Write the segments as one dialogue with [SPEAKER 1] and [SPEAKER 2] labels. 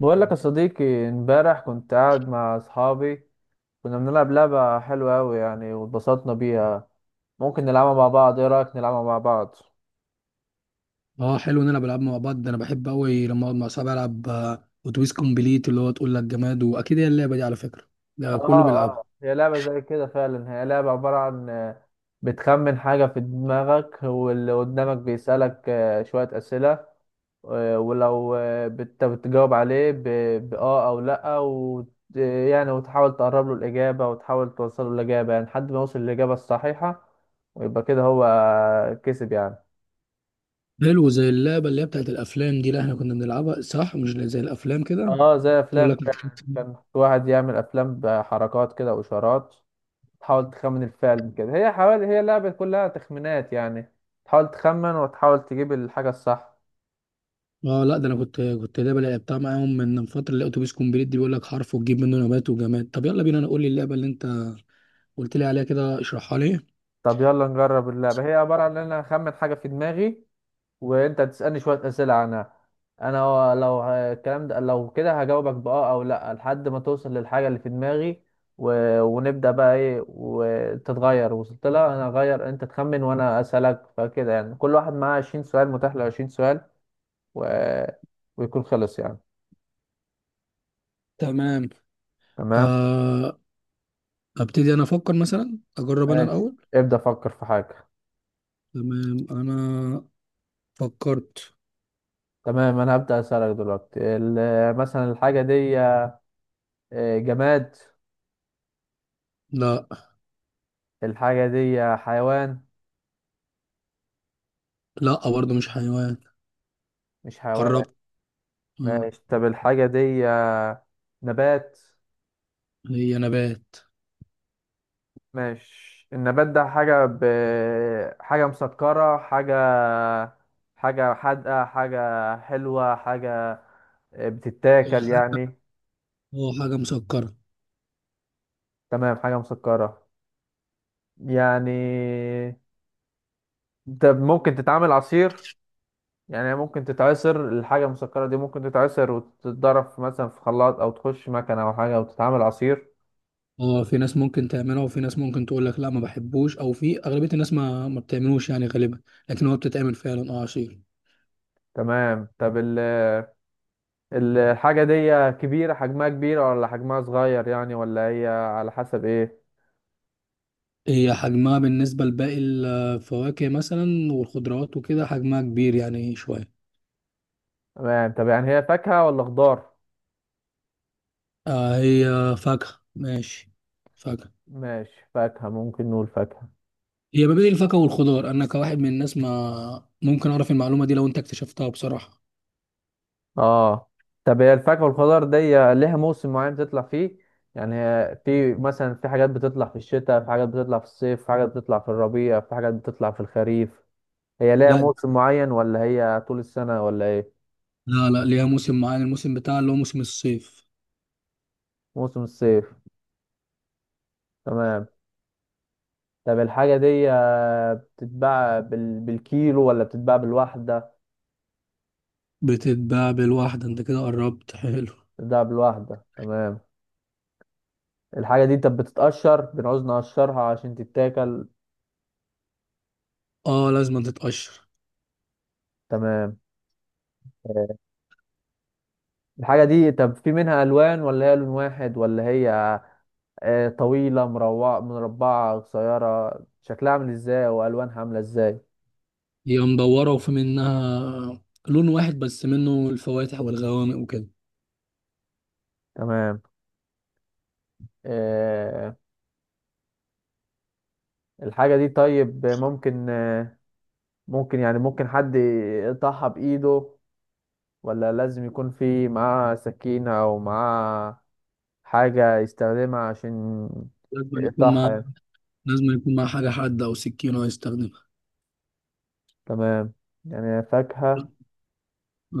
[SPEAKER 1] بقول لك يا صديقي، امبارح كنت قاعد مع اصحابي. كنا بنلعب لعبة حلوة أوي يعني واتبسطنا بيها. ممكن نلعبها مع بعض؟ ايه رأيك نلعبها مع بعض؟
[SPEAKER 2] اه، حلو نلعب العاب مع بعض. ده انا بحب قوي لما اقعد مع صحابي العب اتوبيس كومبليت، اللي هو تقول لك جماد. واكيد هي اللعبه دي على فكره
[SPEAKER 1] اه
[SPEAKER 2] ده كله
[SPEAKER 1] اه،
[SPEAKER 2] بيلعبها.
[SPEAKER 1] هي لعبة زي كده فعلا. هي لعبة عبارة عن بتخمن حاجة في دماغك واللي قدامك بيسألك شوية أسئلة. ولو بتجاوب عليه بآه أو لأ يعني وتحاول تقرب له الإجابة وتحاول توصل له الإجابة يعني لحد ما يوصل للإجابة الصحيحة، ويبقى كده هو كسب يعني.
[SPEAKER 2] حلو، زي اللعبه اللي هي بتاعت الافلام دي اللي احنا كنا بنلعبها، صح؟ مش زي الافلام كده
[SPEAKER 1] اه زي
[SPEAKER 2] تقول
[SPEAKER 1] أفلام
[SPEAKER 2] لك مش عارف
[SPEAKER 1] فعلا.
[SPEAKER 2] إيه.
[SPEAKER 1] كان في واحد يعمل أفلام بحركات كده وإشارات. تحاول تخمن الفعل كده. هي حوالي هي لعبة كلها تخمينات يعني. تحاول تخمن وتحاول تجيب الحاجة الصح.
[SPEAKER 2] اه لا، ده انا كنت لعبه لعبتها معاهم من فتره، اللي هي اتوبيس كومبليت دي، بيقول لك حرف وتجيب منه نبات وجماد. طب يلا بينا، انا قول لي اللعبه اللي انت قلت لي عليها كده، اشرحها لي.
[SPEAKER 1] طب يلا نجرب اللعبة. هي عبارة عن إن أنا أخمن حاجة في دماغي وانت تسألني شوية أسئلة عنها. انا لو الكلام ده لو كده هجاوبك بآه او لا لحد ما توصل للحاجة اللي في دماغي. ونبدأ بقى ايه وتتغير. وصلت لها انا اغير، انت تخمن وانا أسألك. فكده يعني كل واحد معاه 20 سؤال، متاح له 20 سؤال و... ويكون خلص يعني.
[SPEAKER 2] تمام.
[SPEAKER 1] تمام.
[SPEAKER 2] آه، ابتدي انا افكر. مثلا اجرب انا
[SPEAKER 1] ماشي.
[SPEAKER 2] الاول.
[SPEAKER 1] ابدأ فكر في حاجة.
[SPEAKER 2] تمام، انا فكرت.
[SPEAKER 1] تمام انا هبدأ أسألك دلوقتي. مثلا الحاجة دي جماد؟
[SPEAKER 2] لا.
[SPEAKER 1] الحاجة دي حيوان؟
[SPEAKER 2] لا، برضه مش حيوان.
[SPEAKER 1] مش حيوان
[SPEAKER 2] قربت. مم.
[SPEAKER 1] ماشي. طب الحاجة دي نبات؟
[SPEAKER 2] هي نبات.
[SPEAKER 1] ماشي. النبات ده حاجة حاجة مسكرة، حاجة حادقة، حاجة حلوة، حاجة بتتاكل يعني؟
[SPEAKER 2] هو حاجة مسكرة.
[SPEAKER 1] تمام حاجة مسكرة يعني. طب ممكن تتعمل عصير؟ يعني ممكن تتعصر. الحاجة المسكرة دي ممكن تتعصر وتتضرب مثلا في خلاط أو تخش مكنة أو حاجة وتتعمل عصير.
[SPEAKER 2] هو في ناس ممكن تعملها، وفي ناس ممكن تقول لك لا ما بحبوش، او في اغلبية الناس ما بتعملوش يعني غالبا. لكن هو بتتعمل فعلا اه عصير.
[SPEAKER 1] تمام. طب الحاجة دي كبيرة؟ حجمها كبيرة ولا حجمها صغير يعني، ولا هي على حسب ايه؟
[SPEAKER 2] هي حجمها بالنسبة لباقي الفواكه مثلا والخضروات وكده حجمها كبير يعني شوية.
[SPEAKER 1] تمام. طب يعني هي فاكهة ولا خضار؟
[SPEAKER 2] آه، هي فاكهة. ماشي، فاكهة.
[SPEAKER 1] ماشي، فاكهة. ممكن نقول فاكهة.
[SPEAKER 2] هي ما بين الفاكهة والخضار. انا كواحد من الناس ما ممكن اعرف المعلومة دي لو انت اكتشفتها بصراحة.
[SPEAKER 1] اه. طب هي الفاكهة والخضار دي ليها موسم معين بتطلع فيه؟ يعني هي، في مثلا في حاجات بتطلع في الشتاء، في حاجات بتطلع في الصيف، في حاجات بتطلع في الربيع، في حاجات بتطلع في الخريف. هي ليها
[SPEAKER 2] لا
[SPEAKER 1] موسم معين ولا هي طول السنة ولا ايه؟
[SPEAKER 2] لا لا، ليها موسم معين، الموسم بتاعها اللي هو موسم الصيف.
[SPEAKER 1] موسم الصيف تمام. طب الحاجة دي بتتباع بالكيلو ولا بتتباع بالواحدة؟
[SPEAKER 2] بتتباع بالواحدة. انت كده قربت، حلو.
[SPEAKER 1] بتتباع بالواحدة تمام. الحاجة دي طب بتتقشر؟ بنعوز نقشرها عشان تتاكل؟
[SPEAKER 2] اه، لازم تتقشر.
[SPEAKER 1] تمام. آه، الحاجة دي طب في منها ألوان ولا هي لون واحد، ولا هي طويلة مروعة مربعة قصيرة؟ شكلها عامل ازاي وألوانها عاملة ازاي؟
[SPEAKER 2] هي مدورة، وفي منها لون واحد بس منه الفواتح والغوامق وكده.
[SPEAKER 1] تمام. آه، الحاجة دي طيب ممكن ممكن يعني ممكن حد يقطعها بإيده، ولا لازم يكون في معاه سكينة أو معاه حاجة يستخدمها عشان
[SPEAKER 2] لازم يكون
[SPEAKER 1] يقطعها
[SPEAKER 2] مع،
[SPEAKER 1] يعني؟
[SPEAKER 2] لازم يكون مع حاجة حادة أو سكينة يستخدمها.
[SPEAKER 1] تمام. يعني فاكهة.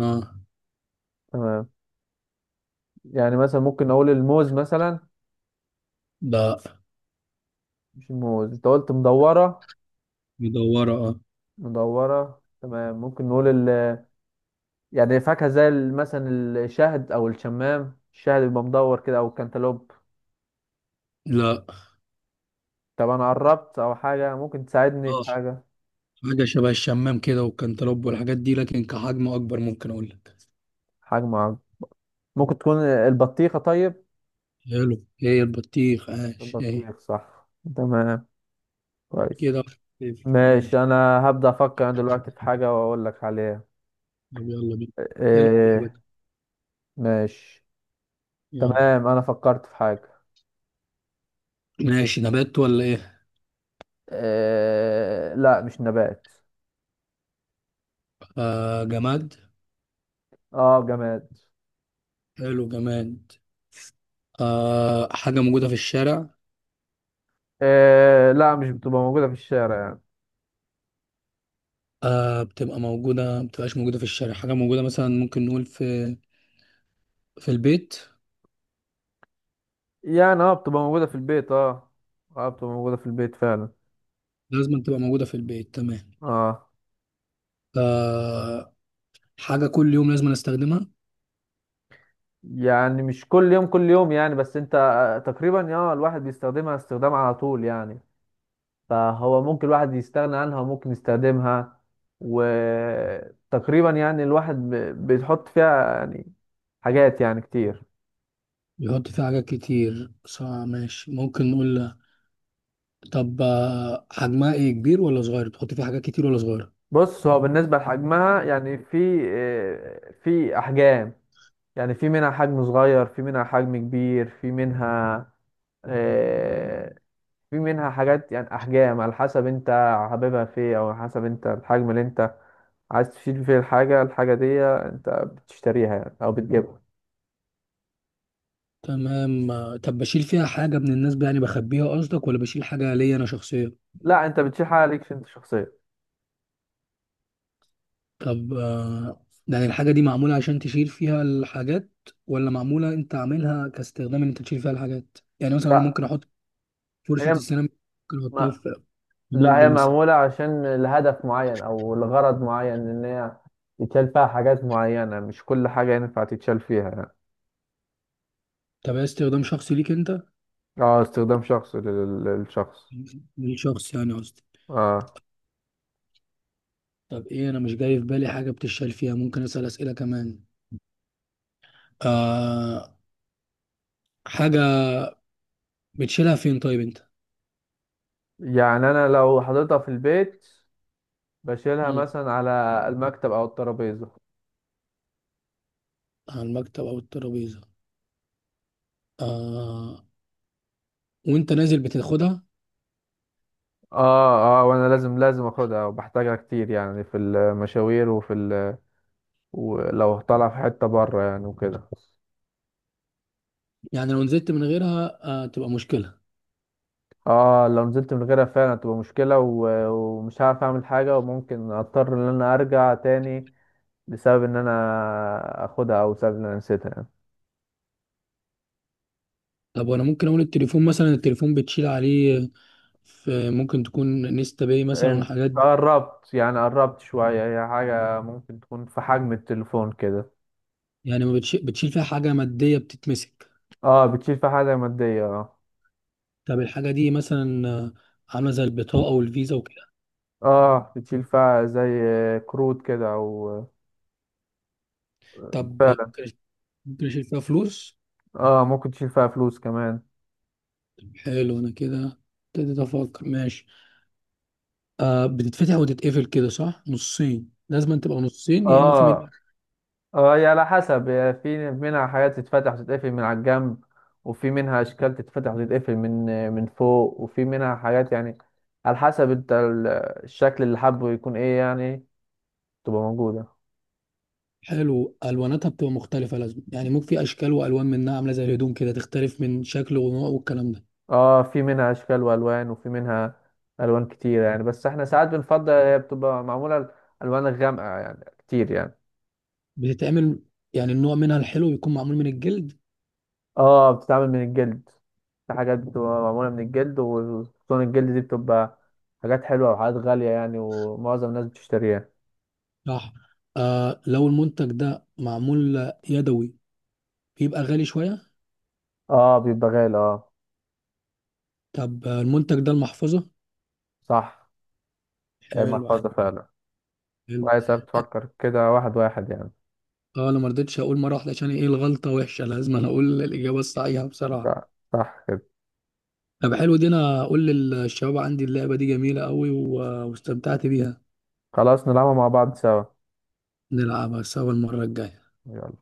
[SPEAKER 2] اه.
[SPEAKER 1] تمام. يعني مثلا ممكن أقول الموز مثلا.
[SPEAKER 2] لا،
[SPEAKER 1] مش الموز، أنت قلت مدورة.
[SPEAKER 2] مدورة اه.
[SPEAKER 1] مدورة تمام. ممكن نقول يعني فاكهة زي مثلا الشهد أو الشمام. الشهد بيبقى مدور كده، أو الكنتالوب.
[SPEAKER 2] لا.
[SPEAKER 1] طب أنا قربت، أو حاجة ممكن تساعدني في
[SPEAKER 2] اه،
[SPEAKER 1] حاجة.
[SPEAKER 2] حاجة شبه الشمام كده والكنتالوب والحاجات دي، لكن كحجم أكبر ممكن أقول لك.
[SPEAKER 1] حجم عرض. ممكن تكون البطيخة طيب؟
[SPEAKER 2] حلو، هي البطيخ، عاش هي.
[SPEAKER 1] البطيخ صح. تمام. كويس.
[SPEAKER 2] كده واحد صفر.
[SPEAKER 1] ماشي
[SPEAKER 2] ماشي،
[SPEAKER 1] انا هبدأ افكر انا دلوقتي في حاجة واقول لك عليها.
[SPEAKER 2] طب يلا بينا. يلا بينا.
[SPEAKER 1] إيه. ماشي.
[SPEAKER 2] يلا.
[SPEAKER 1] تمام انا فكرت في حاجة.
[SPEAKER 2] ماشي، نبات ولا ايه؟
[SPEAKER 1] إيه لا مش نبات.
[SPEAKER 2] آه، جماد.
[SPEAKER 1] اه جماد.
[SPEAKER 2] حلو، جماد. آه، حاجة موجودة في الشارع.
[SPEAKER 1] إيه لا مش بتبقى موجودة في الشارع يعني.
[SPEAKER 2] آه، بتبقى موجودة. ما بتبقاش موجودة في الشارع؟ حاجة موجودة مثلا ممكن نقول في في البيت.
[SPEAKER 1] يعني اه بتبقى موجودة في البيت اه. اه بتبقى موجودة في البيت فعلا.
[SPEAKER 2] لازم تبقى موجودة في البيت. تمام.
[SPEAKER 1] اه.
[SPEAKER 2] آه، حاجة كل يوم لازم نستخدمها.
[SPEAKER 1] يعني مش كل يوم كل يوم يعني، بس انت تقريبا اه الواحد بيستخدمها استخدام على طول يعني. فهو ممكن الواحد يستغنى عنها وممكن يستخدمها. وتقريبا يعني الواحد بيحط فيها يعني حاجات يعني كتير.
[SPEAKER 2] بيحط فيها حاجات كتير، صح ماشي. ممكن نقول طب حجمها ايه، كبير ولا صغير؟ بتحط فيها حاجات كتير ولا صغيرة؟
[SPEAKER 1] بص هو بالنسبة لحجمها يعني في في أحجام. يعني في منها حجم صغير، في منها حجم كبير، في منها آه، في منها حاجات يعني أحجام على حسب أنت حاببها فيه، أو على حسب أنت الحجم اللي أنت عايز تشيل فيه الحاجة. الحاجة دي أنت بتشتريها يعني أو بتجيبها.
[SPEAKER 2] تمام. طب بشيل فيها حاجة من الناس يعني بخبيها قصدك، ولا بشيل حاجة ليا انا شخصيا؟
[SPEAKER 1] لا انت بتشيح عليها ليكش انت شخصيا.
[SPEAKER 2] طب يعني الحاجة دي معمولة عشان تشيل فيها الحاجات، ولا معمولة انت عاملها كاستخدام ان انت تشيل فيها الحاجات؟ يعني مثلا انا
[SPEAKER 1] لا
[SPEAKER 2] ممكن احط فرشة
[SPEAKER 1] هي
[SPEAKER 2] السيراميك، ممكن احطها
[SPEAKER 1] ما
[SPEAKER 2] في في
[SPEAKER 1] لا
[SPEAKER 2] مج
[SPEAKER 1] هي
[SPEAKER 2] مثلا.
[SPEAKER 1] معمولة عشان لهدف معين او لغرض معين. ان هي يتشال فيها حاجات معينة، مش كل حاجة ينفع تتشال فيها يعني.
[SPEAKER 2] طب هي استخدام شخصي ليك انت؟
[SPEAKER 1] اه استخدام شخصي للشخص.
[SPEAKER 2] للشخص يعني قصدي.
[SPEAKER 1] اه
[SPEAKER 2] طب ايه؟ انا مش جاي في بالي حاجة بتشيل فيها. ممكن اسأل اسئلة كمان. آه، حاجة بتشيلها فين طيب انت؟
[SPEAKER 1] يعني انا لو حضرتها في البيت بشيلها
[SPEAKER 2] مم.
[SPEAKER 1] مثلا على المكتب او الترابيزة.
[SPEAKER 2] على المكتب او الترابيزة. آه، وانت نازل بتاخدها.
[SPEAKER 1] اه اه وانا لازم لازم اخدها وبحتاجها كتير يعني، في المشاوير وفي ولو طالع في حتة بره يعني وكده.
[SPEAKER 2] يعني لو نزلت من غيرها آه تبقى مشكلة.
[SPEAKER 1] اه لو نزلت من غيرها فعلا هتبقى مشكلة. ومش هعرف اعمل حاجة وممكن اضطر ان انا ارجع تاني بسبب ان انا اخدها او بسبب ان انا نسيتها يعني.
[SPEAKER 2] طب وانا ممكن اقول التليفون مثلا، التليفون بتشيل عليه، في ممكن تكون نيستا باي مثلا
[SPEAKER 1] انت
[SPEAKER 2] والحاجات دي.
[SPEAKER 1] قربت يعني قربت شوية. هي حاجة ممكن تكون في حجم التليفون كده.
[SPEAKER 2] يعني ما بتشيل, بتشيل فيها حاجه ماديه بتتمسك.
[SPEAKER 1] اه بتشيل فيها حاجة مادية اه.
[SPEAKER 2] طب الحاجه دي مثلا عامله زي البطاقه والفيزا وكده.
[SPEAKER 1] اه بتشيل فيها زي كروت كده او
[SPEAKER 2] طب
[SPEAKER 1] فعلا.
[SPEAKER 2] ممكن، ممكن اشيل فيها فلوس.
[SPEAKER 1] اه ممكن تشيل فيها فلوس كمان.
[SPEAKER 2] حلو، انا كده ابتديت افكر. ماشي. آه، بتتفتح وتتقفل كده، صح؟ نصين، لازم تبقى نصين يا اما في من.
[SPEAKER 1] اه اه هي على حسب. هي في منها حاجات تتفتح وتتقفل من على الجنب، وفي منها اشكال تتفتح وتتقفل من فوق. وفي منها حاجات يعني على حسب انت الشكل اللي حابه يكون ايه يعني تبقى موجودة.
[SPEAKER 2] حلو، الواناتها بتبقى مختلفه لازم، يعني ممكن في اشكال والوان منها عامله زي الهدوم كده، تختلف من شكل ونوع والكلام ده.
[SPEAKER 1] اه في منها اشكال والوان، وفي منها الوان كتيرة يعني، بس احنا ساعات بنفضل هي بتبقى معمولة الوان غامقة يعني كتير يعني.
[SPEAKER 2] بتتعمل، يعني النوع منها الحلو بيكون معمول من الجلد.
[SPEAKER 1] اه بتتعمل من الجلد. في حاجات بتبقى معمولة من الجلد، وخصوصا الجلد دي بتبقى حاجات حلوة وحاجات غالية يعني، ومعظم الناس بتشتريها.
[SPEAKER 2] راح. آه، لو المنتج ده معمول يدوي بيبقى غالي شوية.
[SPEAKER 1] اه بيبقى غالي اه.
[SPEAKER 2] طب المنتج ده المحفظة.
[SPEAKER 1] صح
[SPEAKER 2] حلو.
[SPEAKER 1] المحفظة فعلا.
[SPEAKER 2] حلو.
[SPEAKER 1] كويس بتفكر كده واحد واحد يعني.
[SPEAKER 2] اه، انا ما رضيتش اقول مرة واحدة. عشان ايه؟ الغلطة وحشة، لازم انا اقول الإجابة الصحيحة بصراحة.
[SPEAKER 1] لا، صح كده.
[SPEAKER 2] طب حلو، دي انا اقول للشباب عندي اللعبة دي جميلة قوي، واستمتعت بيها.
[SPEAKER 1] خلاص نلعبها مع بعض سوا.
[SPEAKER 2] نلعبها سوا المرة الجاية.
[SPEAKER 1] يلا.